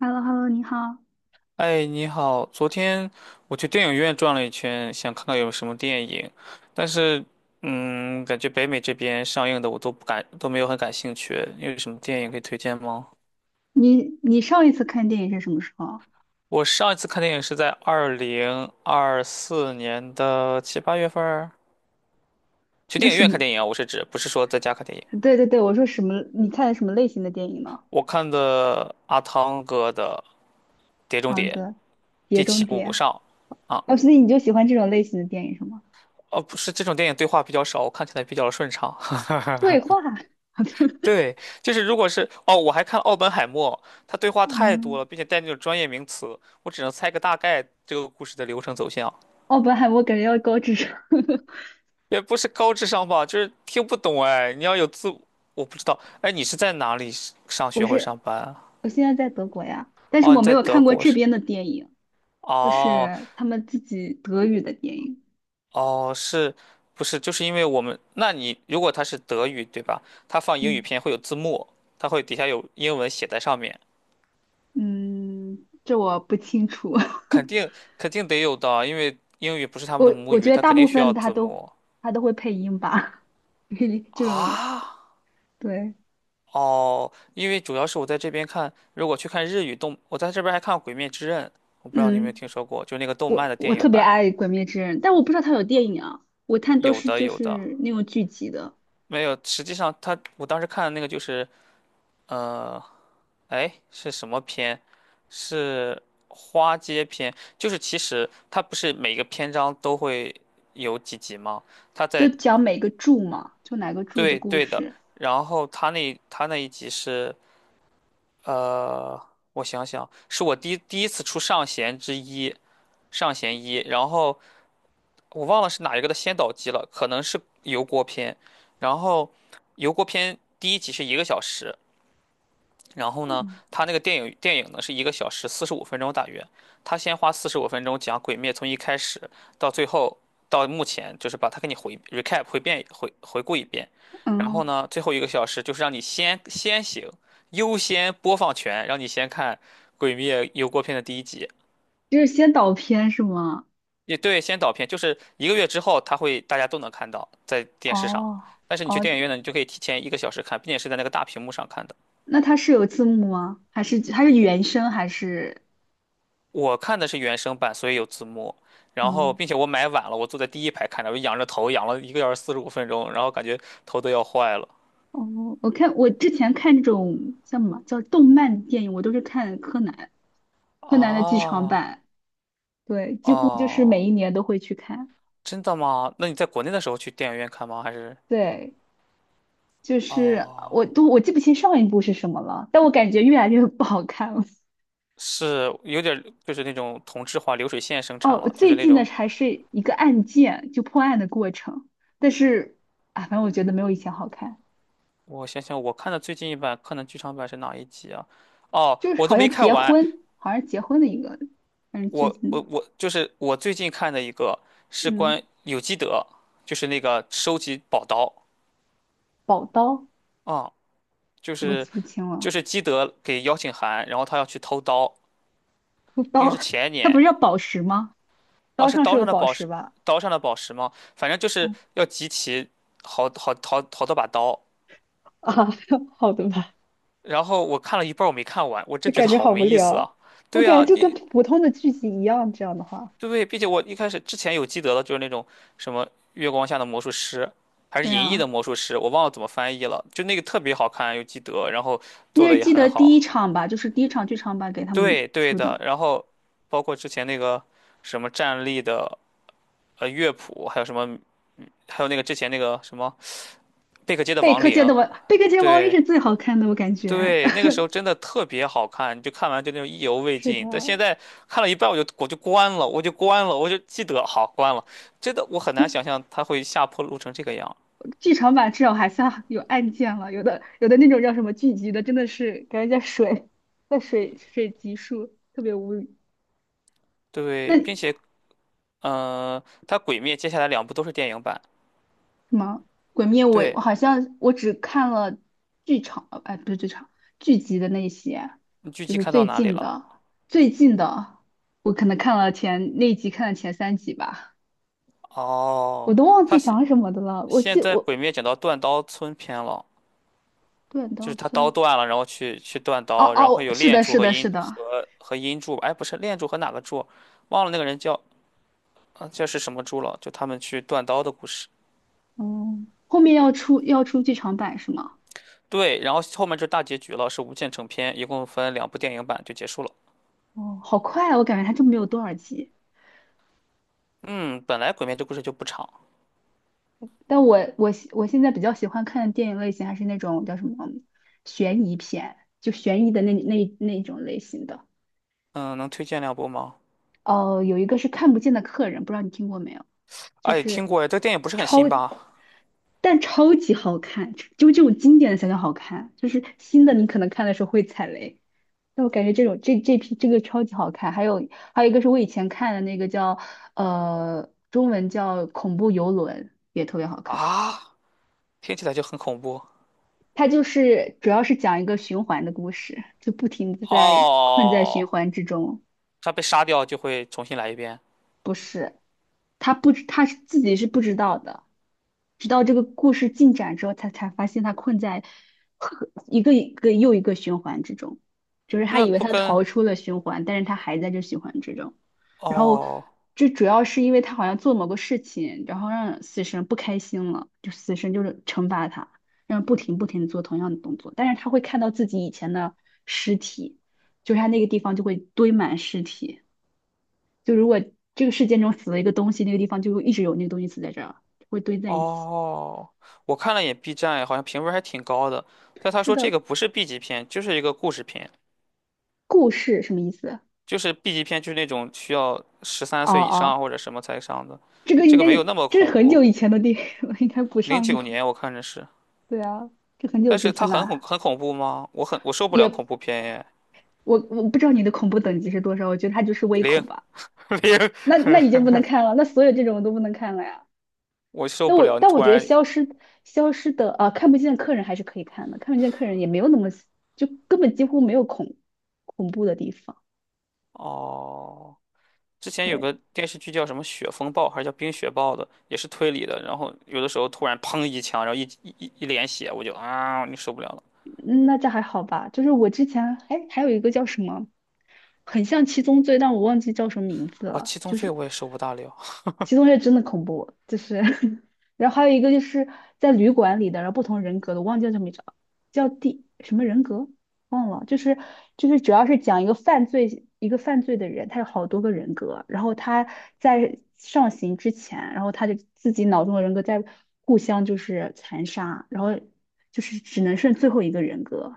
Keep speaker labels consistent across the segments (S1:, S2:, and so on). S1: h e l l o h e l l o 你好。
S2: 哎，你好，昨天我去电影院转了一圈，想看看有什么电影，但是，感觉北美这边上映的我都不感，都没有很感兴趣。你有什么电影可以推荐吗？
S1: 你上一次看电影是什么时候？
S2: 我上一次看电影是在2024年的七八月份儿，去
S1: 那
S2: 电影
S1: 什
S2: 院
S1: 么？
S2: 看电影啊，我是指不是说在家看电影。
S1: 对对对，我说什么？你看什么类型的电影呢？
S2: 我看的阿汤哥的《碟中
S1: 胖
S2: 谍》
S1: 子、
S2: 第
S1: 碟
S2: 七
S1: 中
S2: 部
S1: 谍。
S2: 上，啊，
S1: 哦，所以你就喜欢这种类型的电影是吗？
S2: 哦，不是这种电影对话比较少，我看起来比较顺畅。
S1: 对话。
S2: 对，就是如果是哦，我还看奥本海默，他对话太多
S1: 嗯，
S2: 了，并且带那种专业名词，我只能猜个大概这个故事的流程走向，
S1: 哦，不海默感觉要高智商。
S2: 也不是高智商吧，就是听不懂哎。你要有字，我不知道，哎，你是在哪里上
S1: 我
S2: 学或者
S1: 是
S2: 上班啊？
S1: 我现在在德国呀，但是
S2: 哦，
S1: 我
S2: 你
S1: 没
S2: 在
S1: 有
S2: 德
S1: 看过
S2: 国
S1: 这
S2: 是？
S1: 边的电影，就
S2: 哦
S1: 是他们自己德语的电影。
S2: 哦，是不是？就是因为我们，那你如果他是德语对吧？他放英语
S1: 嗯
S2: 片会有字幕，他会底下有英文写在上面。
S1: 嗯，这我不清楚。
S2: 肯定肯定得有的，因为英语不是他们的
S1: 我
S2: 母
S1: 我觉
S2: 语，
S1: 得
S2: 他
S1: 大
S2: 肯
S1: 部
S2: 定需
S1: 分
S2: 要
S1: 他
S2: 字
S1: 都
S2: 幕。
S1: 会配音吧，这种
S2: 啊？
S1: 对，
S2: 哦，因为主要是我在这边看，如果去看日语动，我在这边还看《鬼灭之刃》，我不知道你有没有
S1: 嗯，
S2: 听说过，就那个动
S1: 我
S2: 漫的电
S1: 我特
S2: 影
S1: 别
S2: 版，
S1: 爱《鬼灭之刃》，但我不知道他有电影啊，我看都
S2: 有
S1: 是
S2: 的
S1: 就
S2: 有的，
S1: 是那种剧集的，
S2: 没有。实际上他，我当时看的那个就是，呃，哎，是什么篇？是花街篇，就是其实它不是每个篇章都会有几集吗？它
S1: 都
S2: 在
S1: 讲每个柱嘛，就哪个柱的
S2: 对
S1: 故
S2: 对的，
S1: 事，
S2: 然后他那一集是，呃，我想想，是我第一次出上弦之一，上弦一，然后我忘了是哪一个的先导集了，可能是油锅篇，然后油锅篇第一集是一个小时，然后呢，
S1: 嗯
S2: 他那个电影呢是一个小时四十五分钟大约，他先花四十五分钟讲《鬼灭》从一开始到最后到目前，就是把它给你回 recap 回遍回回顾一遍，然后
S1: 嗯，
S2: 呢，最后一个小时就是让你先先行优先播放权，让你先看《鬼灭》油锅片的第一集，
S1: 就是先导片是吗？
S2: 也对，先导片就是1个月之后，他会大家都能看到在电视上，
S1: 哦
S2: 但是你去
S1: 哦，
S2: 电影院呢，你就可以提前一个小时看，并且是在那个大屏幕上看的。
S1: 那它是有字幕吗？还是它是原声还是
S2: 我看的是原声版，所以有字幕。然后，
S1: 嗯？
S2: 并且我买晚了，我坐在第一排看的，我仰着头仰了一个小时四十五分钟，然后感觉头都要坏了。
S1: 哦，我之前看那种像什么叫动漫电影，我都是看柯南。柯南的剧场
S2: 啊，
S1: 版，对，几乎就是
S2: 哦，
S1: 每一年都会去看。
S2: 真的吗？那你在国内的时候去电影院看吗？还是？
S1: 对，就是
S2: 哦，
S1: 我记不清上一部是什么了，但我感觉越来越不好看了。
S2: 是有点儿就是那种同质化流水线生产
S1: 哦，
S2: 了，就是
S1: 最
S2: 那
S1: 近的
S2: 种。
S1: 还是一个案件，就破案的过程，但是啊，反正我觉得没有以前好看，
S2: 我想想，我看的最近一版《柯南》剧场版是哪一集啊？哦，
S1: 就是
S2: 我都
S1: 好
S2: 没
S1: 像
S2: 看
S1: 结
S2: 完，
S1: 婚，好像结婚的一个，反正最
S2: 我
S1: 近的，
S2: 我我就是我最近看的一个是
S1: 嗯，
S2: 关有基德，就是那个收集宝刀
S1: 宝刀
S2: 啊，就
S1: 我记
S2: 是
S1: 不清
S2: 就
S1: 了，
S2: 是基德给邀请函，然后他要去偷刀，应该
S1: 刀，
S2: 是前
S1: 它不
S2: 年
S1: 是叫宝石吗？
S2: 啊，
S1: 刀
S2: 是
S1: 上是
S2: 刀
S1: 有
S2: 上的
S1: 宝
S2: 宝
S1: 石
S2: 石，
S1: 吧？
S2: 刀上的宝石吗？反正就是
S1: 嗯
S2: 要集齐好多把刀，
S1: 啊，好的吧。
S2: 然后我看了一半儿我没看完，我
S1: 就
S2: 真觉得
S1: 感觉
S2: 好
S1: 好
S2: 没
S1: 无
S2: 意思啊！
S1: 聊。我
S2: 对
S1: 感觉
S2: 啊，
S1: 就跟
S2: 你
S1: 普通的剧集一样，这样的话，
S2: 对，对，并且我一开始之前有记得的，就是那种什么月光下的魔术师，还是
S1: 对
S2: 银翼的
S1: 啊，
S2: 魔术师，我忘了怎么翻译了，就那个特别好看，又记得，然后做
S1: 那
S2: 的
S1: 是
S2: 也
S1: 记得
S2: 很
S1: 第一
S2: 好。
S1: 场吧，就是第一场剧场版给他们
S2: 对，对
S1: 出
S2: 的。
S1: 的
S2: 然后包括之前那个什么站立的乐谱，还有什么，还有那个之前那个什么贝克街的
S1: 《贝
S2: 亡
S1: 克街
S2: 灵，
S1: 的王》，《贝克街王一》
S2: 对，
S1: 是最好看的，我感觉
S2: 对，那个 时候真的特别好看，就看完就那种意犹未
S1: 是的，
S2: 尽。但现在看了一半，我就关了，我就关了，我就记得好关了。真的，我很难想 象它会下坡路成这个样。
S1: 剧场版至少还算有案件了，有的有的那种叫什么剧集的，真的是感觉在水，水集数，特别无语。
S2: 对，并
S1: 那
S2: 且，嗯、它《鬼灭》接下来两部都是电影版。
S1: 什么《鬼灭》我，
S2: 对，
S1: 我好像我只看了剧场，不是剧场，剧集的那些，
S2: 你剧
S1: 就
S2: 集
S1: 是
S2: 看到
S1: 最
S2: 哪里
S1: 近
S2: 了？
S1: 的，最近的，我可能看了前那一集，看了前三集吧，我
S2: 哦，
S1: 都忘
S2: 它
S1: 记
S2: 现
S1: 讲什么的了。我
S2: 现
S1: 记
S2: 在
S1: 我
S2: 《鬼灭》讲到断刀村篇了，
S1: 断
S2: 就
S1: 刀
S2: 是他刀
S1: 村，
S2: 断了，然后去断
S1: 哦
S2: 刀，然后
S1: 哦，
S2: 有
S1: 是
S2: 炼
S1: 的，
S2: 柱
S1: 是
S2: 和
S1: 的，是
S2: 阴
S1: 的，
S2: 和阴柱吧？哎，不是炼柱和哪个柱？忘了那个人叫这是什么猪了？就他们去断刀的故事。
S1: 嗯，后面要出剧场版是吗？
S2: 对，然后后面就大结局了，是无限成片，一共分两部电影版就结束了。
S1: 哦，好快啊，我感觉它就没有多少集。
S2: 嗯，本来《鬼灭》这故事就不长，
S1: 我现在比较喜欢看的电影类型还是那种叫什么悬疑片，就悬疑的那种类型的。
S2: 嗯，能推荐两部吗？
S1: 哦、有一个是看不见的客人，不知道你听过没有？就
S2: 哎，听
S1: 是
S2: 过哎，这电影不是很新吧？
S1: 但超级好看，就这种经典的才叫好看，就是新的你可能看的时候会踩雷。但我感觉这种这这批这个超级好看，还有还有一个是我以前看的那个叫中文叫恐怖游轮，也特别好看。
S2: 啊，听起来就很恐怖。
S1: 它就是主要是讲一个循环的故事，就不停的在困在循
S2: 哦，
S1: 环之中，
S2: 他被杀掉就会重新来一遍，
S1: 不是。他不知，他是自己是不知道的，直到这个故事进展之后，他才发现他困在一个又一个循环之中，就是他
S2: 那
S1: 以为
S2: 不
S1: 他
S2: 跟
S1: 逃出了循环，但是他还在这循环之中。然后
S2: 哦
S1: 这主要是因为他好像做某个事情，然后让死神不开心了，就死神就是惩罚他，让他不停的做同样的动作，但是他会看到自己以前的尸体，就是他那个地方就会堆满尸体。就如果这个事件中死了一个东西，那个地方就会一直有那个东西死在这儿，会堆在一起。
S2: 哦，我看了眼 B 站，好像评分还挺高的，但他
S1: 是
S2: 说这
S1: 的，
S2: 个不是 B 级片，就是一个故事片。
S1: 故事什么意思？
S2: 就是 B 级片，就是那种需要十三
S1: 哦
S2: 岁以上
S1: 哦，
S2: 或者什么才上的，
S1: 这个
S2: 这
S1: 应
S2: 个
S1: 该
S2: 没有那么
S1: 这是
S2: 恐
S1: 很
S2: 怖。
S1: 久以前的电影了，应该不
S2: 零
S1: 上映
S2: 九
S1: 了。
S2: 年我看着是，
S1: 对啊，这很久
S2: 但
S1: 之
S2: 是它
S1: 前
S2: 很恐
S1: 了，
S2: 很恐怖吗？我受不了恐
S1: 也
S2: 怖片耶，
S1: 我不知道你的恐怖等级是多少，我觉得它就是微恐
S2: 零
S1: 吧。
S2: 零
S1: 那那已经不能看了，那所有这种都不能看了呀。
S2: 我受不了。你
S1: 但我
S2: 突
S1: 觉得
S2: 然
S1: 消失消失的啊，看不见的客人还是可以看的，看不见客人也没有那么就根本几乎没有恐怖的地方。
S2: 哦，之前有
S1: 对，
S2: 个电视剧叫什么《雪风暴》还是叫《冰雪暴》的，也是推理的，然后有的时候突然砰一枪，然后一脸血，我就啊，你受不了了。
S1: 嗯那这还好吧。就是我之前还有一个叫什么，很像七宗罪，但我忘记叫什么名字
S2: 哦，
S1: 了。
S2: 七宗
S1: 就
S2: 罪
S1: 是
S2: 我也受不大了，
S1: 七宗罪真的恐怖，就是 然后还有一个就是在旅馆里的，然后不同人格的，我忘记叫什么名字了，叫第什么人格忘了，就是主要是讲一个犯罪的人，他有好多个人格，然后他在上刑之前，然后他就自己脑中的人格在互相就是残杀，然后就是只能剩最后一个人格，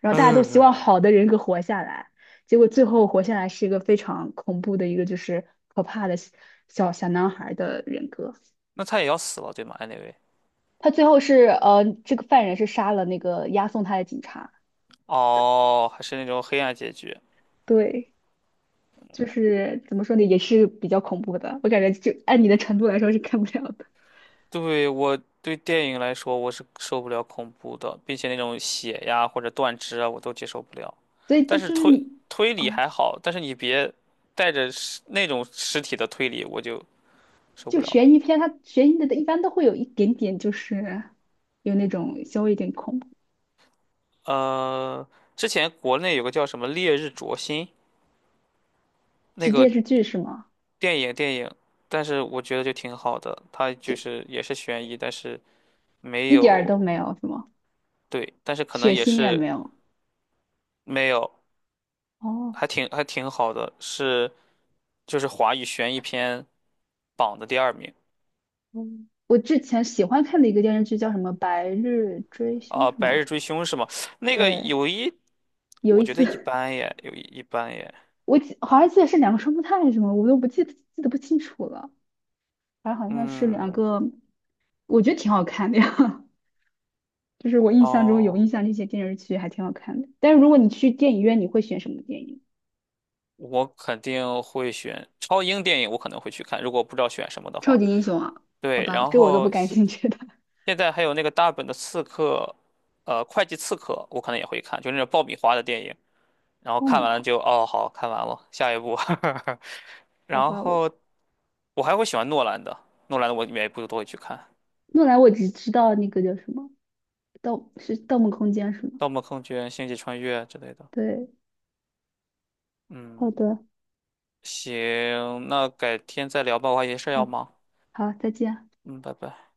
S1: 然后大家都希望好的人格活下来，结果最后活下来是一个非常恐怖的一个就是可怕的小男孩的人格。
S2: 那他也要死了对吗？Anyway，
S1: 他最后是这个犯人是杀了那个押送他的警察。
S2: 哦，还是那种黑暗结局。
S1: 对，就是怎么说呢，也是比较恐怖的。我感觉就按你的程度来说是看不了的。
S2: 对，我对电影来说，我是受不了恐怖的，并且那种血呀或者断肢啊，我都接受不了。
S1: 所以这
S2: 但是
S1: 就是
S2: 推
S1: 你
S2: 推理
S1: 哦，
S2: 还好，但是你别带着那种尸体的推理，我就受不
S1: 就
S2: 了了。
S1: 悬疑片，它悬疑的一般都会有一点点就是有那种稍微有点恐怖。
S2: 呃，之前国内有个叫什么《烈日灼心》那
S1: 是电
S2: 个
S1: 视剧是吗？
S2: 电影，但是我觉得就挺好的，它就
S1: 就
S2: 是也是悬疑，但是没
S1: 一点儿都
S2: 有，
S1: 没有是吗？
S2: 对，但是可能
S1: 血
S2: 也
S1: 腥也
S2: 是
S1: 没有。
S2: 没有，
S1: 哦，
S2: 还挺好的，是。就是华语悬疑片榜的第二名
S1: 嗯，我之前喜欢看的一个电视剧叫什么《白日追凶》
S2: 啊，
S1: 是
S2: 白日
S1: 吗？
S2: 追凶》是吗？那个
S1: 对，
S2: 有一，
S1: 有
S2: 我
S1: 一
S2: 觉得一
S1: 次
S2: 般耶，一般耶。
S1: 我记好像记得是两个双胞胎还是什么，我都不记得不清楚了。反正好像是两
S2: 嗯，
S1: 个，我觉得挺好看的呀。就是我印象中有
S2: 哦，
S1: 印象那些电视剧还挺好看的。但是如果你去电影院，你会选什么电影？
S2: 我肯定会选超英电影，我可能会去看，如果我不知道选什么的
S1: 超
S2: 话。
S1: 级英雄啊？好
S2: 对，
S1: 吧，
S2: 然
S1: 这我都不
S2: 后
S1: 感
S2: 现
S1: 兴趣的。
S2: 现在还有那个大本的刺客，会计刺客，我可能也会看，就那种爆米花的电影。然 后
S1: 爆
S2: 看
S1: 米
S2: 完了
S1: 花？
S2: 就哦，好看完了，下一部。
S1: 好
S2: 然
S1: 吧，我
S2: 后我还会喜欢诺兰的，诺兰的我每一部都会去看。
S1: 诺兰我只知道那个叫什么《盗》是《盗梦空间》是吗？
S2: 《盗梦空间》《星际穿越》之类的。
S1: 对。
S2: 嗯，
S1: 好的，
S2: 行，那改天再聊吧，我还有些事儿要
S1: 好，
S2: 忙。
S1: 好，再见。
S2: 嗯，拜拜。